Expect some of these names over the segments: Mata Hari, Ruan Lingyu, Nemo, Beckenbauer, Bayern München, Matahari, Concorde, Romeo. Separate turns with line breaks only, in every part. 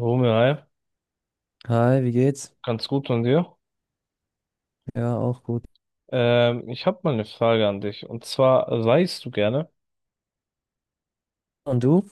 Romeo, hi.
Hi, wie geht's?
Ganz gut von dir.
Ja, auch gut.
Ich habe mal eine Frage an dich. Und zwar, reist du gerne?
Und du?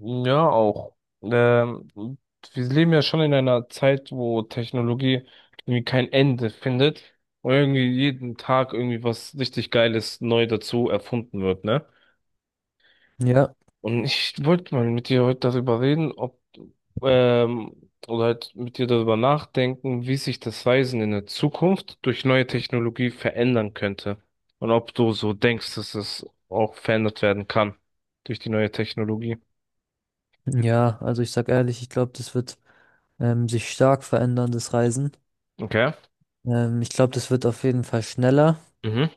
Ja, auch. Ähm, Wir leben ja schon in einer Zeit, wo Technologie irgendwie kein Ende findet und irgendwie jeden Tag irgendwie was richtig Geiles neu dazu erfunden wird, ne?
Ja,
Und ich wollte mal mit dir heute darüber reden, ähm, oder halt mit dir darüber nachdenken, wie sich das Reisen in der Zukunft durch neue Technologie verändern könnte. Und ob du so denkst, dass es auch verändert werden kann durch die neue Technologie.
ja, also ich sag ehrlich, ich glaube, das wird sich stark verändern, das Reisen.
Okay.
Ich glaube, das wird auf jeden Fall schneller,
Mhm,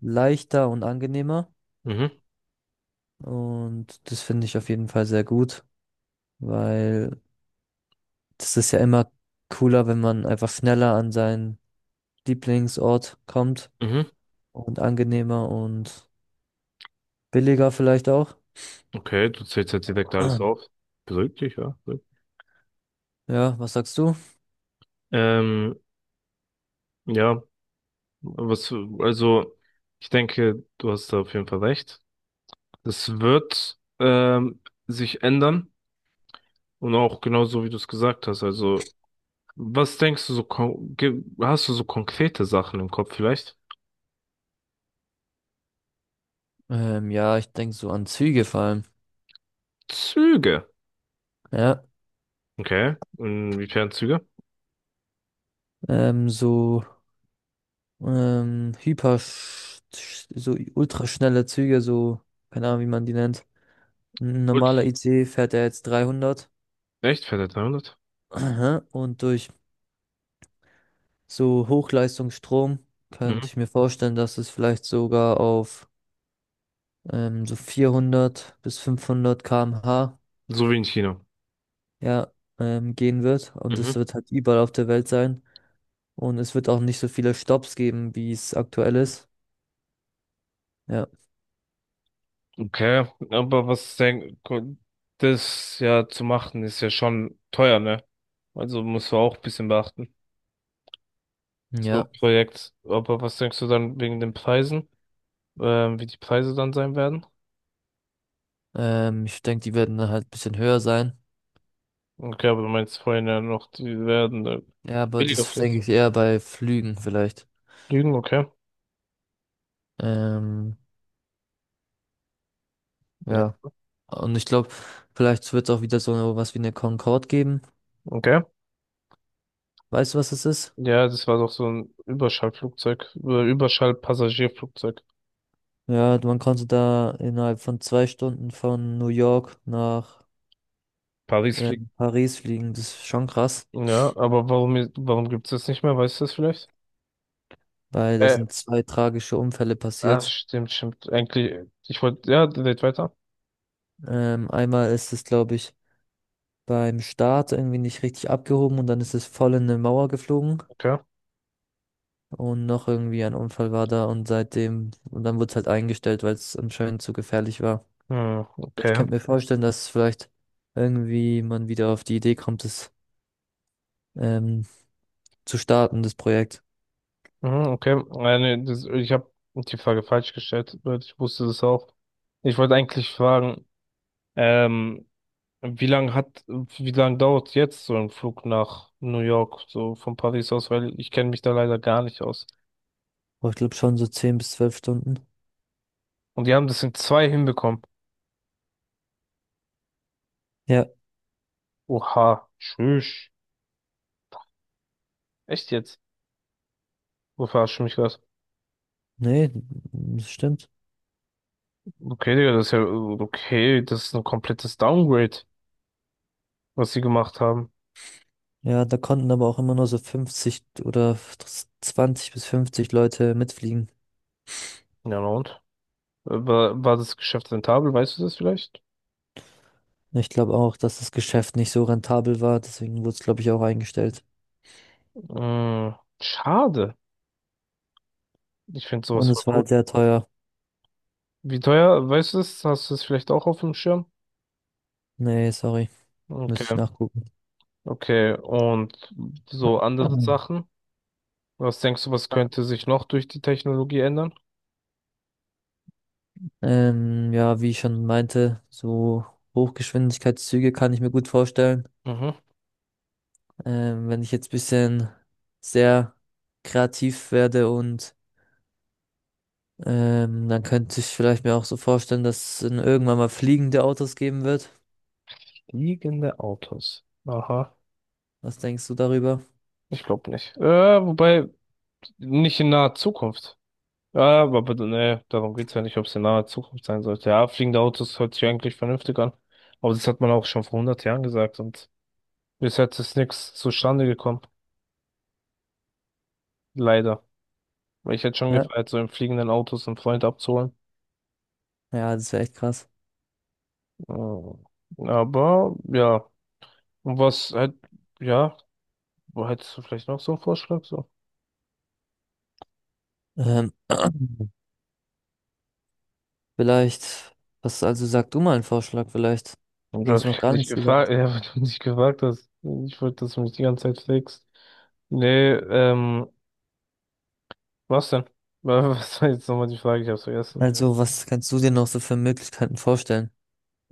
leichter und angenehmer.
mhm,
Und das finde ich auf jeden Fall sehr gut, weil das ist ja immer cooler, wenn man einfach schneller an seinen Lieblingsort kommt
mhm.
und angenehmer und billiger vielleicht auch.
Okay, du zählst jetzt direkt alles auf. Beruhigt dich, ja. Beruhigt.
Ja, was sagst du?
Ähm, ja, was, also, ich denke, du hast da auf jeden Fall recht. Das wird sich ändern. Und auch genauso, wie du es gesagt hast. Also, was denkst du so, hast du so konkrete Sachen im Kopf vielleicht?
Ja, ich denke so an Züge vor allem.
Züge.
Ja.
Okay. Inwiefern Züge?
ähm, so ähm, hyper, sch- so ultraschnelle Züge, so, keine Ahnung, wie man die nennt. Ein
Gut.
normaler IC fährt er jetzt 300.
Echt? Fährt er 300?
Aha. Und durch so Hochleistungsstrom
Mhm.
könnte ich mir vorstellen, dass es vielleicht sogar auf so 400 bis 500 km/h,
So wie in China.
ja, gehen wird. Und es
Mhm.
wird halt überall auf der Welt sein. Und es wird auch nicht so viele Stops geben, wie es aktuell ist. Ja.
Okay. Aber das ja zu machen, ist ja schon teuer, ne? Also musst du auch ein bisschen beachten. So ein
Ja.
Projekt. Aber was denkst du dann wegen den Preisen? Wie die Preise dann sein werden?
Ich denke, die werden dann halt ein bisschen höher sein.
Okay, aber du meinst vorhin ja noch, die werden
Ja, aber
billiger
das denke
vielleicht.
ich eher bei Flügen vielleicht.
Lügen, okay.
Ähm,
Ja.
ja. Und ich glaube, vielleicht wird es auch wieder so was wie eine Concorde geben.
Okay.
Weißt du, was es ist?
Ja, das war doch so ein Überschallflugzeug, Überschallpassagierflugzeug.
Ja, man konnte da innerhalb von 2 Stunden von New York nach
Paris fliegt.
Paris fliegen. Das ist schon krass,
Ja, aber warum gibt's das nicht mehr? Weißt du das vielleicht?
weil da
Äh,
sind zwei tragische Unfälle
Ach,
passiert.
stimmt, stimmt. Eigentlich, ich wollte, ja, red weiter.
Einmal ist es, glaube ich, beim Start irgendwie nicht richtig abgehoben und dann ist es voll in eine Mauer geflogen.
Okay.
Und noch irgendwie ein Unfall war da und seitdem, und dann wurde es halt eingestellt, weil es anscheinend zu gefährlich war.
Hm,
Aber ich
okay.
könnte mir vorstellen, dass vielleicht irgendwie man wieder auf die Idee kommt, das ähm, zu starten, das Projekt.
Mhm, okay. Nee, das, ich habe die Frage falsch gestellt, weil ich wusste das auch. Ich wollte eigentlich fragen, ähm, wie lange dauert jetzt so ein Flug nach New York, so von Paris aus, weil ich kenne mich da leider gar nicht aus.
Aber ich glaube schon so 10 bis 12 Stunden.
Und die haben das in 2 hinbekommen.
Ja,
Oha, tschüss. Echt jetzt? Wo verarsch mich was?
nee, das stimmt.
Okay, Digga, das ist ja, okay, das ist ein komplettes Downgrade, was sie gemacht haben.
Ja, da konnten aber auch immer nur so 50 oder 20 bis 50 Leute mitfliegen.
Ja, na und? War das Geschäft rentabel, weißt du das vielleicht?
Ich glaube auch, dass das Geschäft nicht so rentabel war, deswegen wurde es, glaube ich, auch eingestellt.
Mm, Schade. Ich finde sowas
Und
voll
es war
cool.
halt sehr teuer.
Wie teuer, weißt du das? Hast du das vielleicht auch auf dem Schirm?
Nee, sorry, müsste ich
Okay.
nachgucken.
Okay, und so andere Sachen? Was denkst du, was könnte sich noch durch die Technologie ändern?
Ja, wie ich schon meinte, so Hochgeschwindigkeitszüge kann ich mir gut vorstellen.
Mhm.
Wenn ich jetzt bisschen sehr kreativ werde und dann könnte ich vielleicht mir auch so vorstellen, dass es irgendwann mal fliegende Autos geben wird.
Fliegende Autos. Aha.
Was denkst du darüber?
Ich glaube nicht. Wobei, nicht in naher Zukunft. Ja, aber bitte, nee, darum geht's ja nicht, ob es in naher Zukunft sein sollte. Ja, fliegende Autos hört sich eigentlich vernünftig an. Aber das hat man auch schon vor 100 Jahren gesagt und bis jetzt ist nichts zustande gekommen. Leider. Weil ich hätte schon
Ja.
gefeiert, so in fliegenden Autos einen Freund abzuholen.
Ja, das wäre echt krass.
Mm. Aber, ja. Und was halt, ja, wo hättest du vielleicht noch so einen Vorschlag so?
Ähm, Vielleicht, was, also sag du mal einen Vorschlag vielleicht?
Und Du
Du
hast
hast
mich
noch
halt
gar
nicht
nichts
gefragt,
gesagt.
ja, weil du mich nicht gefragt hast. Ich wollte, dass du mich die ganze Zeit flext. Nee, was denn? Was war jetzt nochmal die Frage? Ich hab's vergessen.
Also, was kannst du dir noch so für Möglichkeiten vorstellen?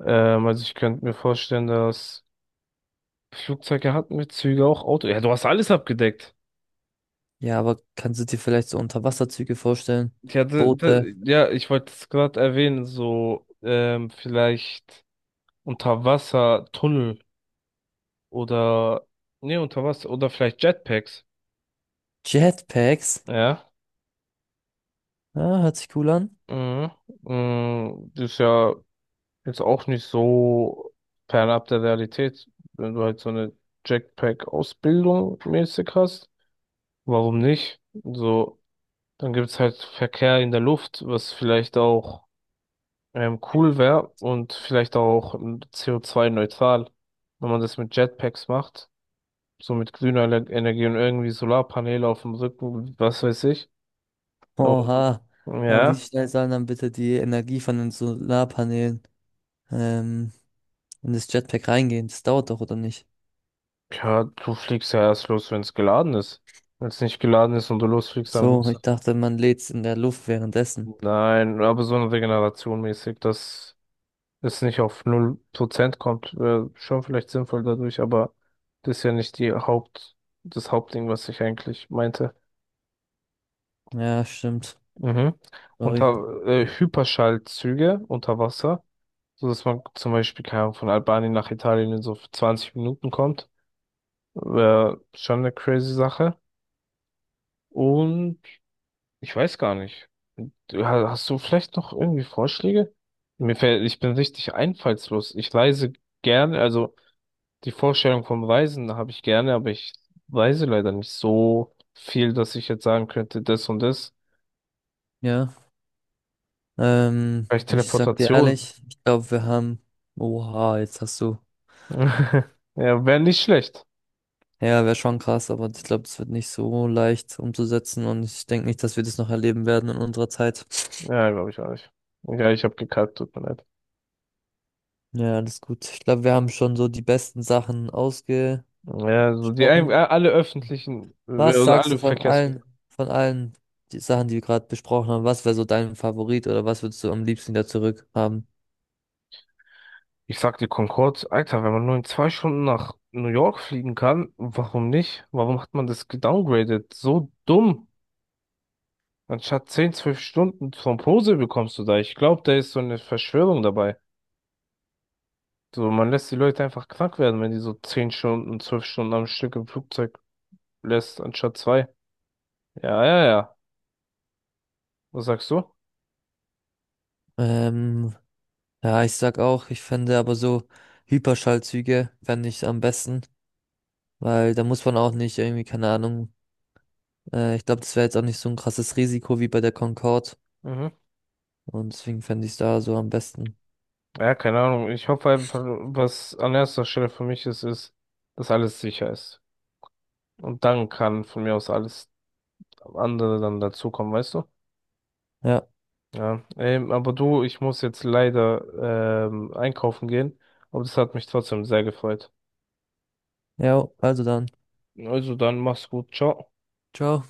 Also ich könnte mir vorstellen, dass Flugzeuge hatten wir, Züge auch, Auto. Ja, du hast alles abgedeckt.
Ja, aber kannst du dir vielleicht so Unterwasserzüge vorstellen?
Ja,
Boote,
ja, ich wollte es gerade erwähnen, so, vielleicht Unterwassertunnel oder, nee, Unterwasser oder vielleicht Jetpacks.
Jetpacks?
Ja.
Ah, hört sich cool an.
Mhm. Das ist ja jetzt auch nicht so fernab der Realität, wenn du halt so eine Jetpack-Ausbildung mäßig hast. Warum nicht? So, dann gibt's halt Verkehr in der Luft, was vielleicht auch cool wäre und vielleicht auch CO2-neutral, wenn man das mit Jetpacks macht, so mit grüner Energie und irgendwie Solarpaneele auf dem Rücken, was weiß ich. Aber,
Oha. Aber wie
ja.
schnell sollen dann bitte die Energie von den Solarpanelen ähm, in das Jetpack reingehen? Das dauert doch, oder nicht?
Ja, du fliegst ja erst los, wenn es geladen ist. Wenn es nicht geladen ist und du losfliegst, dann
So, ich
wird's.
dachte, man lädt's in der Luft währenddessen.
Nein, aber so eine Regeneration mäßig, dass es nicht auf 0% kommt, wäre schon vielleicht sinnvoll dadurch, aber das ist ja nicht das Hauptding, was ich eigentlich meinte.
Ja, stimmt.
Mhm.
Sorry.
Unter Hyperschallzüge unter Wasser, so dass man zum Beispiel, keine Ahnung, von Albanien nach Italien in so 20 Minuten kommt, wäre schon eine crazy Sache. Und ich weiß gar nicht. Ja, hast du vielleicht noch irgendwie Vorschläge? Ich bin richtig einfallslos. Ich reise gerne, also die Vorstellung vom Reisen habe ich gerne, aber ich reise leider nicht so viel, dass ich jetzt sagen könnte, das und das.
Ja.
Vielleicht
Ich sag dir
Teleportation.
ehrlich, ich glaube, wir haben. Oha, jetzt hast du.
Ja, wäre nicht schlecht.
Ja, wäre schon krass, aber ich glaube, das wird nicht so leicht umzusetzen und ich denke nicht, dass wir das noch erleben werden in unserer Zeit.
Ja, glaube ich auch nicht. Ja, ich habe gekackt, tut mir leid.
Ja, alles gut. Ich glaube, wir haben schon so die besten Sachen ausgesprochen.
Ja, so alle öffentlichen
Was
oder
sagst du
alle Verkehrs.
von allen die Sachen, die wir gerade besprochen haben? Was wäre so dein Favorit oder was würdest du am liebsten wieder zurückhaben?
Ich sag dir Concorde, Alter, wenn man nur in 2 Stunden nach New York fliegen kann, warum nicht? Warum hat man das gedowngraded? So dumm. Anstatt 10, 12 Stunden vom Posel bekommst du da. Ich glaube, da ist so eine Verschwörung dabei. So, man lässt die Leute einfach krank werden, wenn die so 10 Stunden, 12 Stunden am Stück im Flugzeug lässt, anstatt 2. Ja, ja, ja. Was sagst du?
Ähm, ja, ich sag auch, ich fände aber so Hyperschallzüge fände ich am besten, weil da muss man auch nicht irgendwie, keine Ahnung, ich glaube, das wäre jetzt auch nicht so ein krasses Risiko wie bei der Concorde.
Mhm.
Und deswegen fände ich es da so am besten.
Ja, keine Ahnung. Ich hoffe einfach, was an erster Stelle für mich ist, ist, dass alles sicher ist. Und dann kann von mir aus alles andere dann dazukommen, weißt du?
Ja,
Ja, aber du, ich muss jetzt leider einkaufen gehen, aber das hat mich trotzdem sehr gefreut.
ja, also dann.
Also dann mach's gut, ciao.
Ciao.